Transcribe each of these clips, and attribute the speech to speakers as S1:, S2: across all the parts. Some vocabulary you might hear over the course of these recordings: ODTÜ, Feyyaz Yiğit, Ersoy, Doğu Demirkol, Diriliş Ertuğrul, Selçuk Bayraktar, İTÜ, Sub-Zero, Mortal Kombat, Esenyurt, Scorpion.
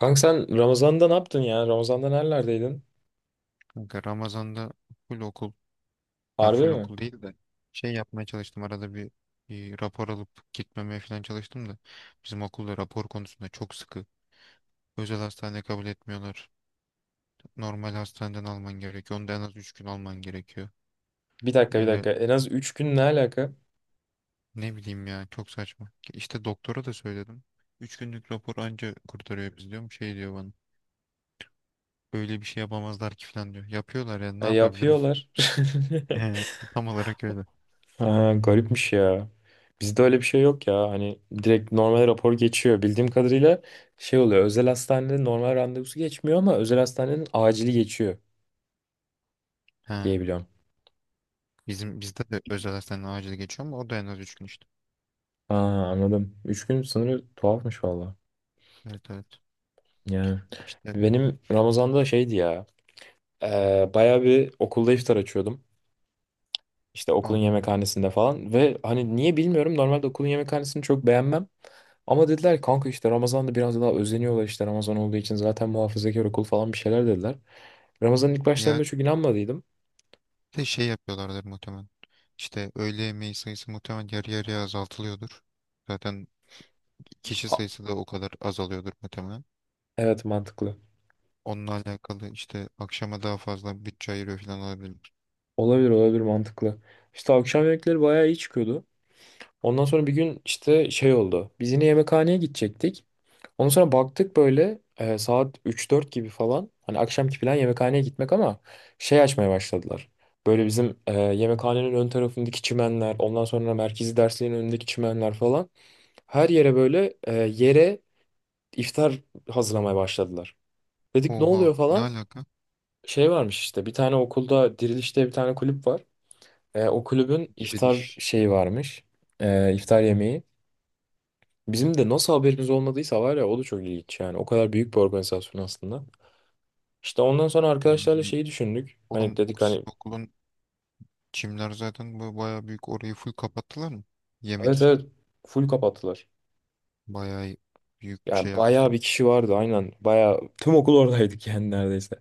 S1: Kanka sen Ramazan'da ne yaptın ya? Ramazan'da nerelerdeydin?
S2: Kanka, Ramazan'da full okul, ya
S1: Harbi
S2: full
S1: mi?
S2: okul değil de şey yapmaya çalıştım arada bir, bir rapor alıp gitmemeye falan çalıştım da bizim okulda rapor konusunda çok sıkı. Özel hastane kabul etmiyorlar. Normal hastaneden alman gerekiyor. Onu da en az 3 gün alman gerekiyor.
S1: Bir dakika, bir
S2: Öyle,
S1: dakika. En az 3 gün ne alaka?
S2: ne bileyim ya, çok saçma. İşte doktora da söyledim. 3 günlük rapor anca kurtarıyor biz diyorum. Şey diyor bana. Öyle bir şey yapamazlar ki falan diyor. Yapıyorlar, ya ne
S1: E,
S2: yapabilirim?
S1: yapıyorlar.
S2: He, tam olarak öyle.
S1: Ha, garipmiş ya. Bizde öyle bir şey yok ya. Hani direkt normal rapor geçiyor. Bildiğim kadarıyla şey oluyor. Özel hastanede normal randevusu geçmiyor ama özel hastanenin acili geçiyor
S2: He.
S1: diye biliyorum.
S2: Bizim bizde de özel hastaneden acil geçiyor ama o da en az 3 gün işte.
S1: Ha, anladım. 3 gün sınırı tuhafmış valla.
S2: Evet, evet.
S1: Yani
S2: İşte.
S1: benim Ramazan'da şeydi ya. Bayağı bir okulda iftar açıyordum. İşte okulun
S2: Aha.
S1: yemekhanesinde falan ve hani niye bilmiyorum, normalde okulun yemekhanesini çok beğenmem. Ama dediler ki, kanka, işte Ramazan'da biraz daha özeniyorlar, işte Ramazan olduğu için zaten muhafazakar okul falan, bir şeyler dediler. Ramazan'ın ilk
S2: Yani,
S1: başlarında çok inanmadıydım.
S2: bir de şey yapıyorlardır muhtemelen. İşte öğle yemeği sayısı muhtemelen yarı yarıya azaltılıyordur. Zaten kişi
S1: A-
S2: sayısı da o kadar azalıyordur muhtemelen.
S1: evet, mantıklı.
S2: Onunla alakalı işte akşama daha fazla bütçe ayırıyor falan olabilir.
S1: Olabilir, olabilir, mantıklı. İşte akşam yemekleri bayağı iyi çıkıyordu. Ondan sonra bir gün işte şey oldu. Biz yine yemekhaneye gidecektik. Ondan sonra baktık, böyle saat üç dört gibi falan. Hani akşamki plan yemekhaneye gitmek ama şey açmaya başladılar. Böyle bizim yemekhanenin ön tarafındaki çimenler, ondan sonra merkezi dersliğin önündeki çimenler falan. Her yere böyle yere iftar hazırlamaya başladılar. Dedik ne
S2: Oha,
S1: oluyor
S2: ne
S1: falan.
S2: alaka?
S1: Şey varmış, işte bir tane okulda Diriliş diye bir tane kulüp var. O kulübün iftar
S2: Diriliş.
S1: şeyi varmış. İftar yemeği. Bizim de nasıl haberimiz olmadıysa, var ya, o da çok ilginç yani. O kadar büyük bir organizasyon aslında. İşte ondan sonra arkadaşlarla
S2: Yani
S1: şeyi düşündük. Hani
S2: oğlum,
S1: dedik
S2: siz
S1: hani,
S2: okulun çimler, zaten bu bayağı büyük, orayı full kapattılar mı? Yemek
S1: evet
S2: için.
S1: evet full kapattılar.
S2: Bayağı büyük şey
S1: Yani bayağı
S2: yapmışlar.
S1: bir kişi vardı, aynen. Bayağı tüm okul oradaydık yani, neredeyse.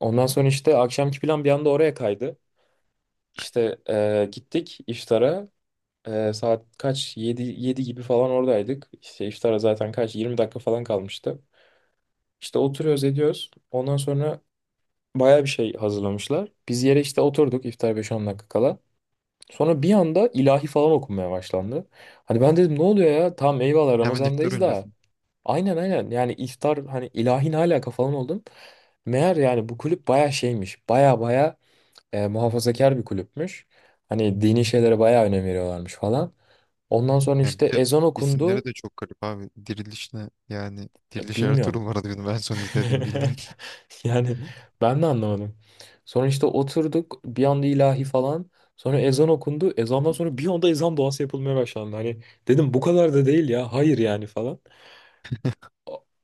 S1: Ondan sonra işte akşamki plan bir anda oraya kaydı. İşte gittik iftara. Saat kaç? Yedi 7 gibi falan oradaydık. İşte iftara zaten kaç? 20 dakika falan kalmıştı. İşte oturuyoruz, ediyoruz. Ondan sonra bayağı bir şey hazırlamışlar. Biz yere işte oturduk, iftar beş on dakika kala. Sonra bir anda ilahi falan okunmaya başlandı. Hani ben dedim ne oluyor ya? Tamam, eyvallah,
S2: Hemen iftar
S1: Ramazan'dayız da.
S2: öncesi.
S1: Aynen, aynen, yani iftar, hani ilahi, ne alaka falan oldum. Meğer yani bu kulüp baya şeymiş. Baya baya muhafazakar bir kulüpmüş. Hani dini şeylere baya önem veriyorlarmış falan. Ondan sonra
S2: Ya
S1: işte
S2: bir de
S1: ezan
S2: isimleri
S1: okundu.
S2: de çok garip abi. Diriliş ne? Yani Diriliş
S1: Bilmiyorum.
S2: Ertuğrul vardı benim en son izlediğim bildiğim.
S1: Yani ben de anlamadım. Sonra işte oturduk, bir anda ilahi falan. Sonra ezan okundu. Ezandan sonra bir anda ezan duası yapılmaya başlandı. Hani dedim bu kadar da değil ya. Hayır yani falan.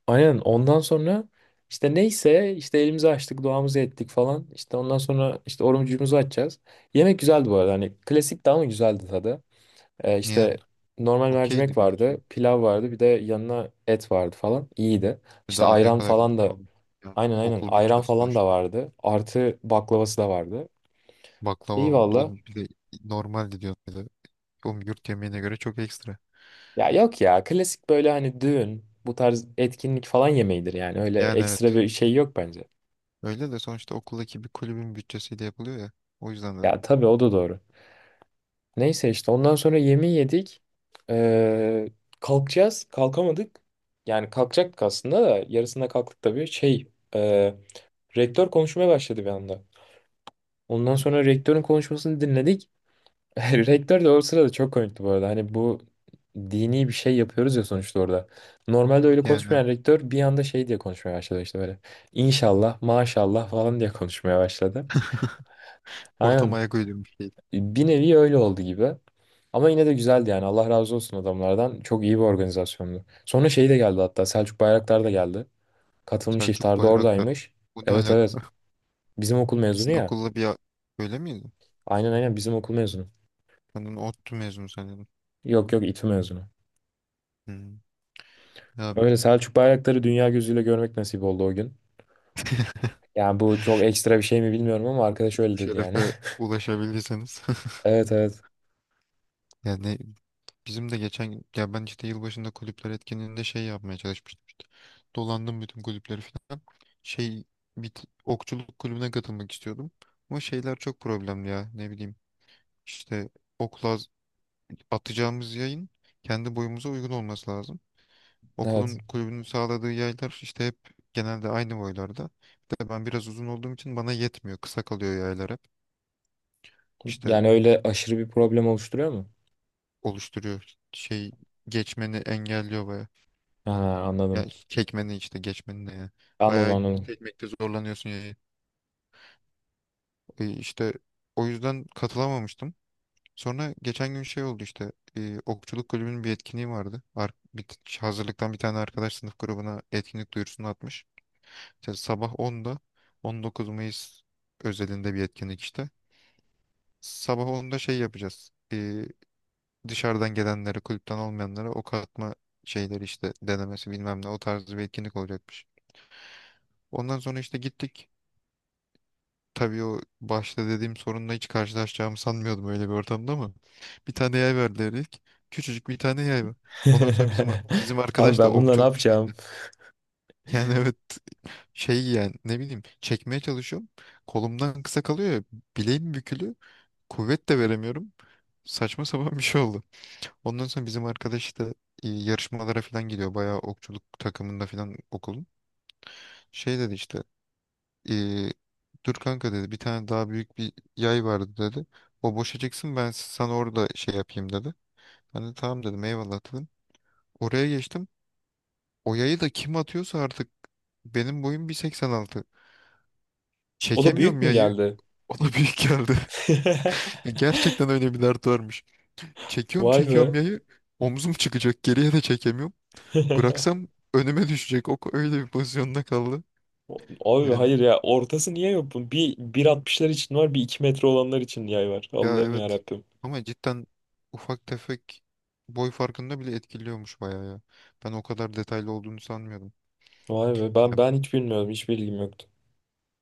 S1: Aynen, ondan sonra işte neyse, işte elimizi açtık, duamızı ettik falan. İşte ondan sonra işte orucumuzu açacağız. Yemek güzeldi bu arada. Hani klasik ama güzeldi tadı.
S2: Yani
S1: İşte normal mercimek
S2: okeydi bir
S1: vardı.
S2: şey.
S1: Pilav vardı. Bir de yanına et vardı falan. İyiydi. İşte
S2: Daha ne
S1: ayran
S2: kadar
S1: falan
S2: olsun
S1: da.
S2: oğlum. Ya,
S1: Aynen, aynen.
S2: okul
S1: Ayran
S2: bütçesi
S1: falan da
S2: sonuçta.
S1: vardı. Artı baklavası da vardı. İyi
S2: Baklava vardı.
S1: valla.
S2: Oğlum, bir de normaldi diyor. Böyle. Oğlum, yurt yemeğine göre çok ekstra.
S1: Ya yok ya. Klasik böyle hani düğün, bu tarz etkinlik falan yemeğidir yani. Öyle
S2: Yani,
S1: ekstra
S2: evet.
S1: bir şey yok bence.
S2: Öyle de sonuçta okuldaki bir kulübün bütçesiyle yapılıyor ya. O yüzden dedim.
S1: Ya tabii, o da doğru. Neyse, işte ondan sonra yemeği yedik. Ee, Kalkacağız. Kalkamadık. Yani kalkacaktık aslında da yarısında kalktık tabii. Şey, e, rektör konuşmaya başladı bir anda. Ondan sonra rektörün konuşmasını dinledik. Rektör de o sırada çok komikti bu arada. Hani bu dini bir şey yapıyoruz ya sonuçta orada. Normalde öyle
S2: Yani, evet.
S1: konuşmayan rektör bir anda şey diye konuşmaya başladı, işte böyle. İnşallah, maşallah falan diye konuşmaya başladı.
S2: Ortama
S1: Aynen.
S2: ayak uydurmuş bir şey.
S1: Bir nevi öyle oldu gibi. Ama yine de güzeldi yani. Allah razı olsun adamlardan. Çok iyi bir organizasyondu. Sonra şey de geldi hatta. Selçuk Bayraktar da geldi. Katılmış,
S2: Selçuk
S1: iftarda
S2: Bayraktar.
S1: oradaymış.
S2: Bu ne
S1: Evet, evet.
S2: alaka?
S1: Bizim okul mezunu
S2: Sizin
S1: ya.
S2: okulla öyle miydi?
S1: Aynen, aynen, bizim okul mezunu.
S2: Ben onu ODTÜ mezunu sanıyordum.
S1: Yok yok, İTÜ mezunu.
S2: Hmm. Ya,
S1: Öyle Selçuk Bayraktar'ı dünya gözüyle görmek nasip oldu o gün. Yani bu çok ekstra bir şey mi bilmiyorum ama arkadaş
S2: bu
S1: öyle dedi yani.
S2: şerefe ulaşabilirseniz.
S1: Evet, evet.
S2: Yani bizim de geçen, ya ben işte yılbaşında kulüpler etkinliğinde şey yapmaya çalışmıştım işte. Dolandım bütün kulüpleri falan. Şey, bir okçuluk kulübüne katılmak istiyordum. Ama şeyler çok problemli, ya ne bileyim. İşte okla atacağımız yayın kendi boyumuza uygun olması lazım. Okulun
S1: Evet.
S2: kulübünün sağladığı yaylar işte hep genelde aynı boylarda. Bir de ben biraz uzun olduğum için bana yetmiyor. Kısa kalıyor yaylar hep. İşte
S1: Yani öyle aşırı bir problem oluşturuyor mu?
S2: oluşturuyor. Şey, geçmeni engelliyor baya.
S1: Ha,
S2: Yani
S1: anladım.
S2: çekmeni işte geçmeni, ne ya.
S1: Anladım,
S2: Baya
S1: anladım.
S2: çekmekte zorlanıyorsun yayı. İşte o yüzden katılamamıştım. Sonra geçen gün şey oldu işte, okçuluk kulübünün bir etkinliği vardı. Hazırlıktan bir tane arkadaş sınıf grubuna etkinlik duyurusunu atmış. İşte sabah 10'da 19 Mayıs özelinde bir etkinlik işte. Sabah onda şey yapacağız. Dışarıdan gelenlere, kulüpten olmayanlara ok atma şeyleri işte denemesi bilmem ne, o tarz bir etkinlik olacakmış. Ondan sonra işte gittik. Tabii o başta dediğim sorunla hiç karşılaşacağımı sanmıyordum öyle bir ortamda, ama bir tane yay verdiler ilk. Küçücük bir tane yay var. Ondan sonra bizim bizim
S1: Abi
S2: arkadaş da
S1: ben bununla ne
S2: okçuluk şeyinde.
S1: yapacağım?
S2: Yani, evet, şey yani ne bileyim, çekmeye çalışıyorum. Kolumdan kısa kalıyor ya, bileğim bükülü. Kuvvet de veremiyorum. Saçma sapan bir şey oldu. Ondan sonra bizim arkadaş da yarışmalara falan gidiyor. Bayağı okçuluk takımında falan okulun. Şey dedi işte, e, dur kanka dedi, bir tane daha büyük bir yay vardı dedi. O boşa çıksın, ben sana orada şey yapayım dedi. Ben de tamam dedim, eyvallah dedim. Oraya geçtim. O yayı da kim atıyorsa artık, benim boyum 1,86.
S1: O da büyük
S2: Çekemiyorum
S1: mü
S2: yayı.
S1: geldi?
S2: O da büyük geldi. Gerçekten öyle bir dert varmış. Çekiyorum
S1: Vay
S2: çekiyorum
S1: be.
S2: yayı. Omzum çıkacak. Geriye de çekemiyorum. Bıraksam önüme düşecek. O öyle bir pozisyonda kaldı.
S1: Abi,
S2: Yani,
S1: hayır ya, ortası niye yok bunun? Bir 1,60'lar için var, bir 2 metre olanlar için yay var.
S2: ya
S1: Allah'ım, ya
S2: evet,
S1: Rabbim.
S2: ama cidden ufak tefek boy farkında bile etkiliyormuş bayağı ya. Ben o kadar detaylı olduğunu sanmıyordum.
S1: Vay be, ben
S2: Ya,
S1: ben hiç bilmiyordum, hiç bilgim yoktu.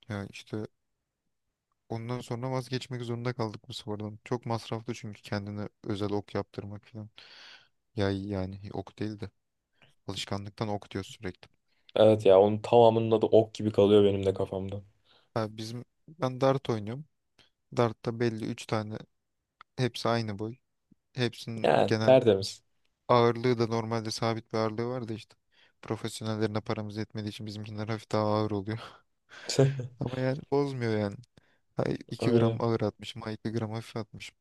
S2: ya işte ondan sonra vazgeçmek zorunda kaldık bu spordan. Çok masraflı çünkü kendine özel ok yaptırmak falan. Yay, yani ok değil de, alışkanlıktan ok diyor sürekli.
S1: Evet ya, onun tamamının adı ok gibi kalıyor benim de kafamda.
S2: Ha, bizim ben dart oynuyorum. Dart'ta belli 3 tane, hepsi aynı boy. Hepsinin
S1: Yani
S2: genel
S1: tertemiz.
S2: ağırlığı da normalde sabit bir ağırlığı var da işte. Profesyonellerine paramız yetmediği için bizimkiler hafif daha ağır oluyor. Ama yani bozmuyor yani. Ha, 2
S1: Öyle.
S2: gram ağır atmışım, ha 2 gram hafif atmışım.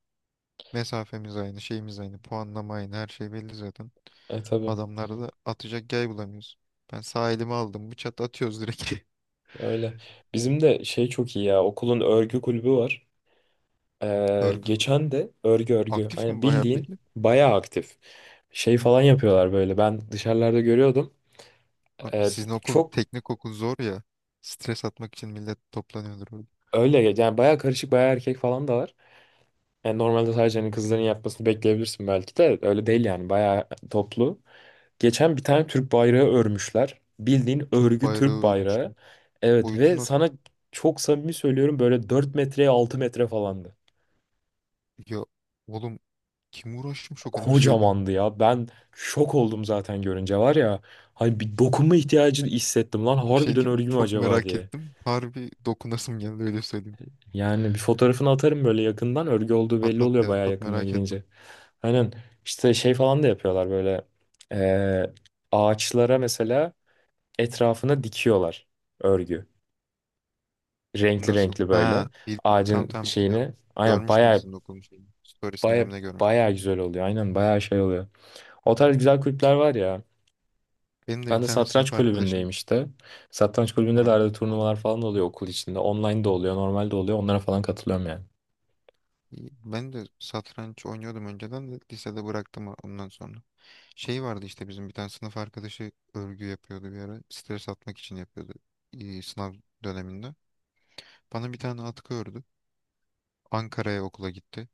S2: Mesafemiz aynı, şeyimiz aynı, puanlama aynı, her şey belli zaten.
S1: E tabii.
S2: Adamlarda da atacak yay bulamıyoruz. Ben sağ elimi aldım, bıçak atıyoruz direkt.
S1: Öyle. Bizim de şey çok iyi ya. Okulun örgü kulübü var.
S2: Örgü kulübü.
S1: Geçen de örgü örgü.
S2: Aktif
S1: Aynen,
S2: mi bayağı
S1: bildiğin
S2: peki?
S1: bayağı aktif. Şey falan yapıyorlar böyle. Ben dışarılarda görüyordum.
S2: Abi,
S1: Ee,
S2: sizin okul,
S1: Çok
S2: teknik okul zor ya. Stres atmak için millet toplanıyordur orada.
S1: öyle yani, bayağı karışık, bayağı erkek falan da var. Yani normalde sadece hani kızların yapmasını bekleyebilirsin, belki de öyle değil yani, bayağı toplu. Geçen bir tane Türk bayrağı örmüşler. Bildiğin
S2: Türk
S1: örgü Türk
S2: bayrağı örmüşler.
S1: bayrağı. Evet,
S2: Boyutu
S1: ve
S2: nasıl?
S1: sana çok samimi söylüyorum, böyle 4 metreye 6 metre falandı.
S2: Ya oğlum, kim uğraşmış o kadar şeyden?
S1: Kocamandı ya. Ben şok oldum zaten görünce, var ya. Hani bir dokunma ihtiyacı hissettim lan.
S2: Bir şey
S1: Harbiden
S2: diyeyim mi?
S1: örgü mü
S2: Çok
S1: acaba
S2: merak
S1: diye.
S2: ettim. Harbi dokunasım geldi, öyle söyleyeyim.
S1: Yani bir fotoğrafını atarım böyle, yakından. Örgü olduğu belli
S2: Patat
S1: oluyor
S2: ya,
S1: bayağı
S2: çok
S1: yakınına
S2: merak ettim.
S1: gidince. Aynen, işte şey falan da yapıyorlar böyle. eee, ağaçlara mesela, etrafına dikiyorlar örgü. Renkli
S2: Nasıl?
S1: renkli
S2: Ha,
S1: böyle.
S2: tam
S1: Ağacın
S2: tam biliyorum.
S1: şeyini. Aynen,
S2: Görmüştüm
S1: baya
S2: sizin okulun şeyini. Storiesinde
S1: baya
S2: mi ne görmüştüm.
S1: baya güzel oluyor. Aynen, baya şey oluyor. O tarz güzel kulüpler var ya.
S2: Benim de
S1: Ben
S2: bir
S1: de
S2: tane
S1: satranç
S2: sınıf
S1: kulübündeyim
S2: arkadaşım.
S1: işte. Satranç kulübünde de
S2: Ha,
S1: arada
S2: onu.
S1: turnuvalar falan da oluyor okul içinde. Online de oluyor, normal de oluyor. Onlara falan katılıyorum yani.
S2: Ben de satranç oynuyordum önceden de lisede bıraktım ondan sonra. Şey vardı işte bizim bir tane sınıf arkadaşı örgü yapıyordu bir ara. Stres atmak için yapıyordu, sınav döneminde. Bana bir tane atkı ördü. Ankara'ya okula gitti.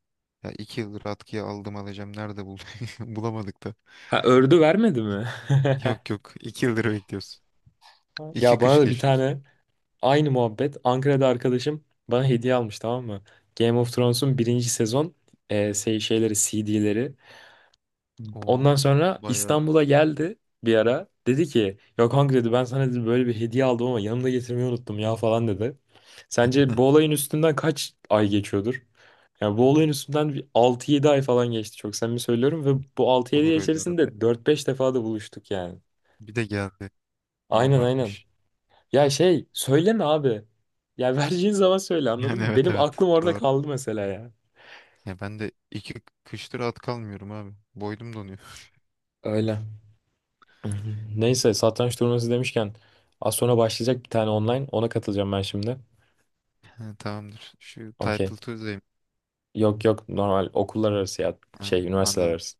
S2: Ya 2 yıldır atkıya, aldım alacağım. Nerede bulduk? Bulamadık da.
S1: Ha, ördü vermedi mi?
S2: Yok, yok. 2 yıldır bekliyorsun. İki
S1: Ya bana
S2: kış
S1: da bir
S2: geçti üstüne.
S1: tane aynı muhabbet. Ankara'da arkadaşım bana hediye almış, tamam mı? Game of Thrones'un birinci sezon şey, şeyleri, CD'leri.
S2: Oo.
S1: Ondan sonra
S2: Bayağı.
S1: İstanbul'a geldi bir ara. Dedi ki ya kanka, dedi, ben sana dedi böyle bir hediye aldım ama yanımda getirmeyi unuttum ya falan dedi. Sence bu olayın üstünden kaç ay geçiyordur? Yani bu olayın üstünden bir 6-7 ay falan geçti, çok samimi söylüyorum, ve bu 6-7 ay
S2: Olur öyle arada.
S1: içerisinde dört beş defa da buluştuk yani.
S2: Bir de geldi.
S1: Aynen, aynen.
S2: Abartmış.
S1: Ya şey söyleme abi. Ya, vereceğin zaman söyle, anladın
S2: Yani,
S1: mı?
S2: evet,
S1: Benim
S2: evet.
S1: aklım orada
S2: Doğru.
S1: kaldı mesela ya.
S2: Ya ben de 2 kıştır atkı almıyorum abi. Boydum donuyor.
S1: Öyle. Neyse, satranç turnuvası demişken az sonra başlayacak bir tane online. Ona katılacağım ben şimdi.
S2: Ha, tamamdır. Şu title
S1: Okey.
S2: Tuesday'im.
S1: Yok yok, normal okullar arası ya.
S2: Ha,
S1: Şey, üniversiteler
S2: anladım.
S1: arası.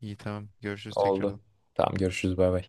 S2: İyi, tamam. Görüşürüz
S1: Oldu.
S2: tekrardan.
S1: Tamam, görüşürüz, bay bay.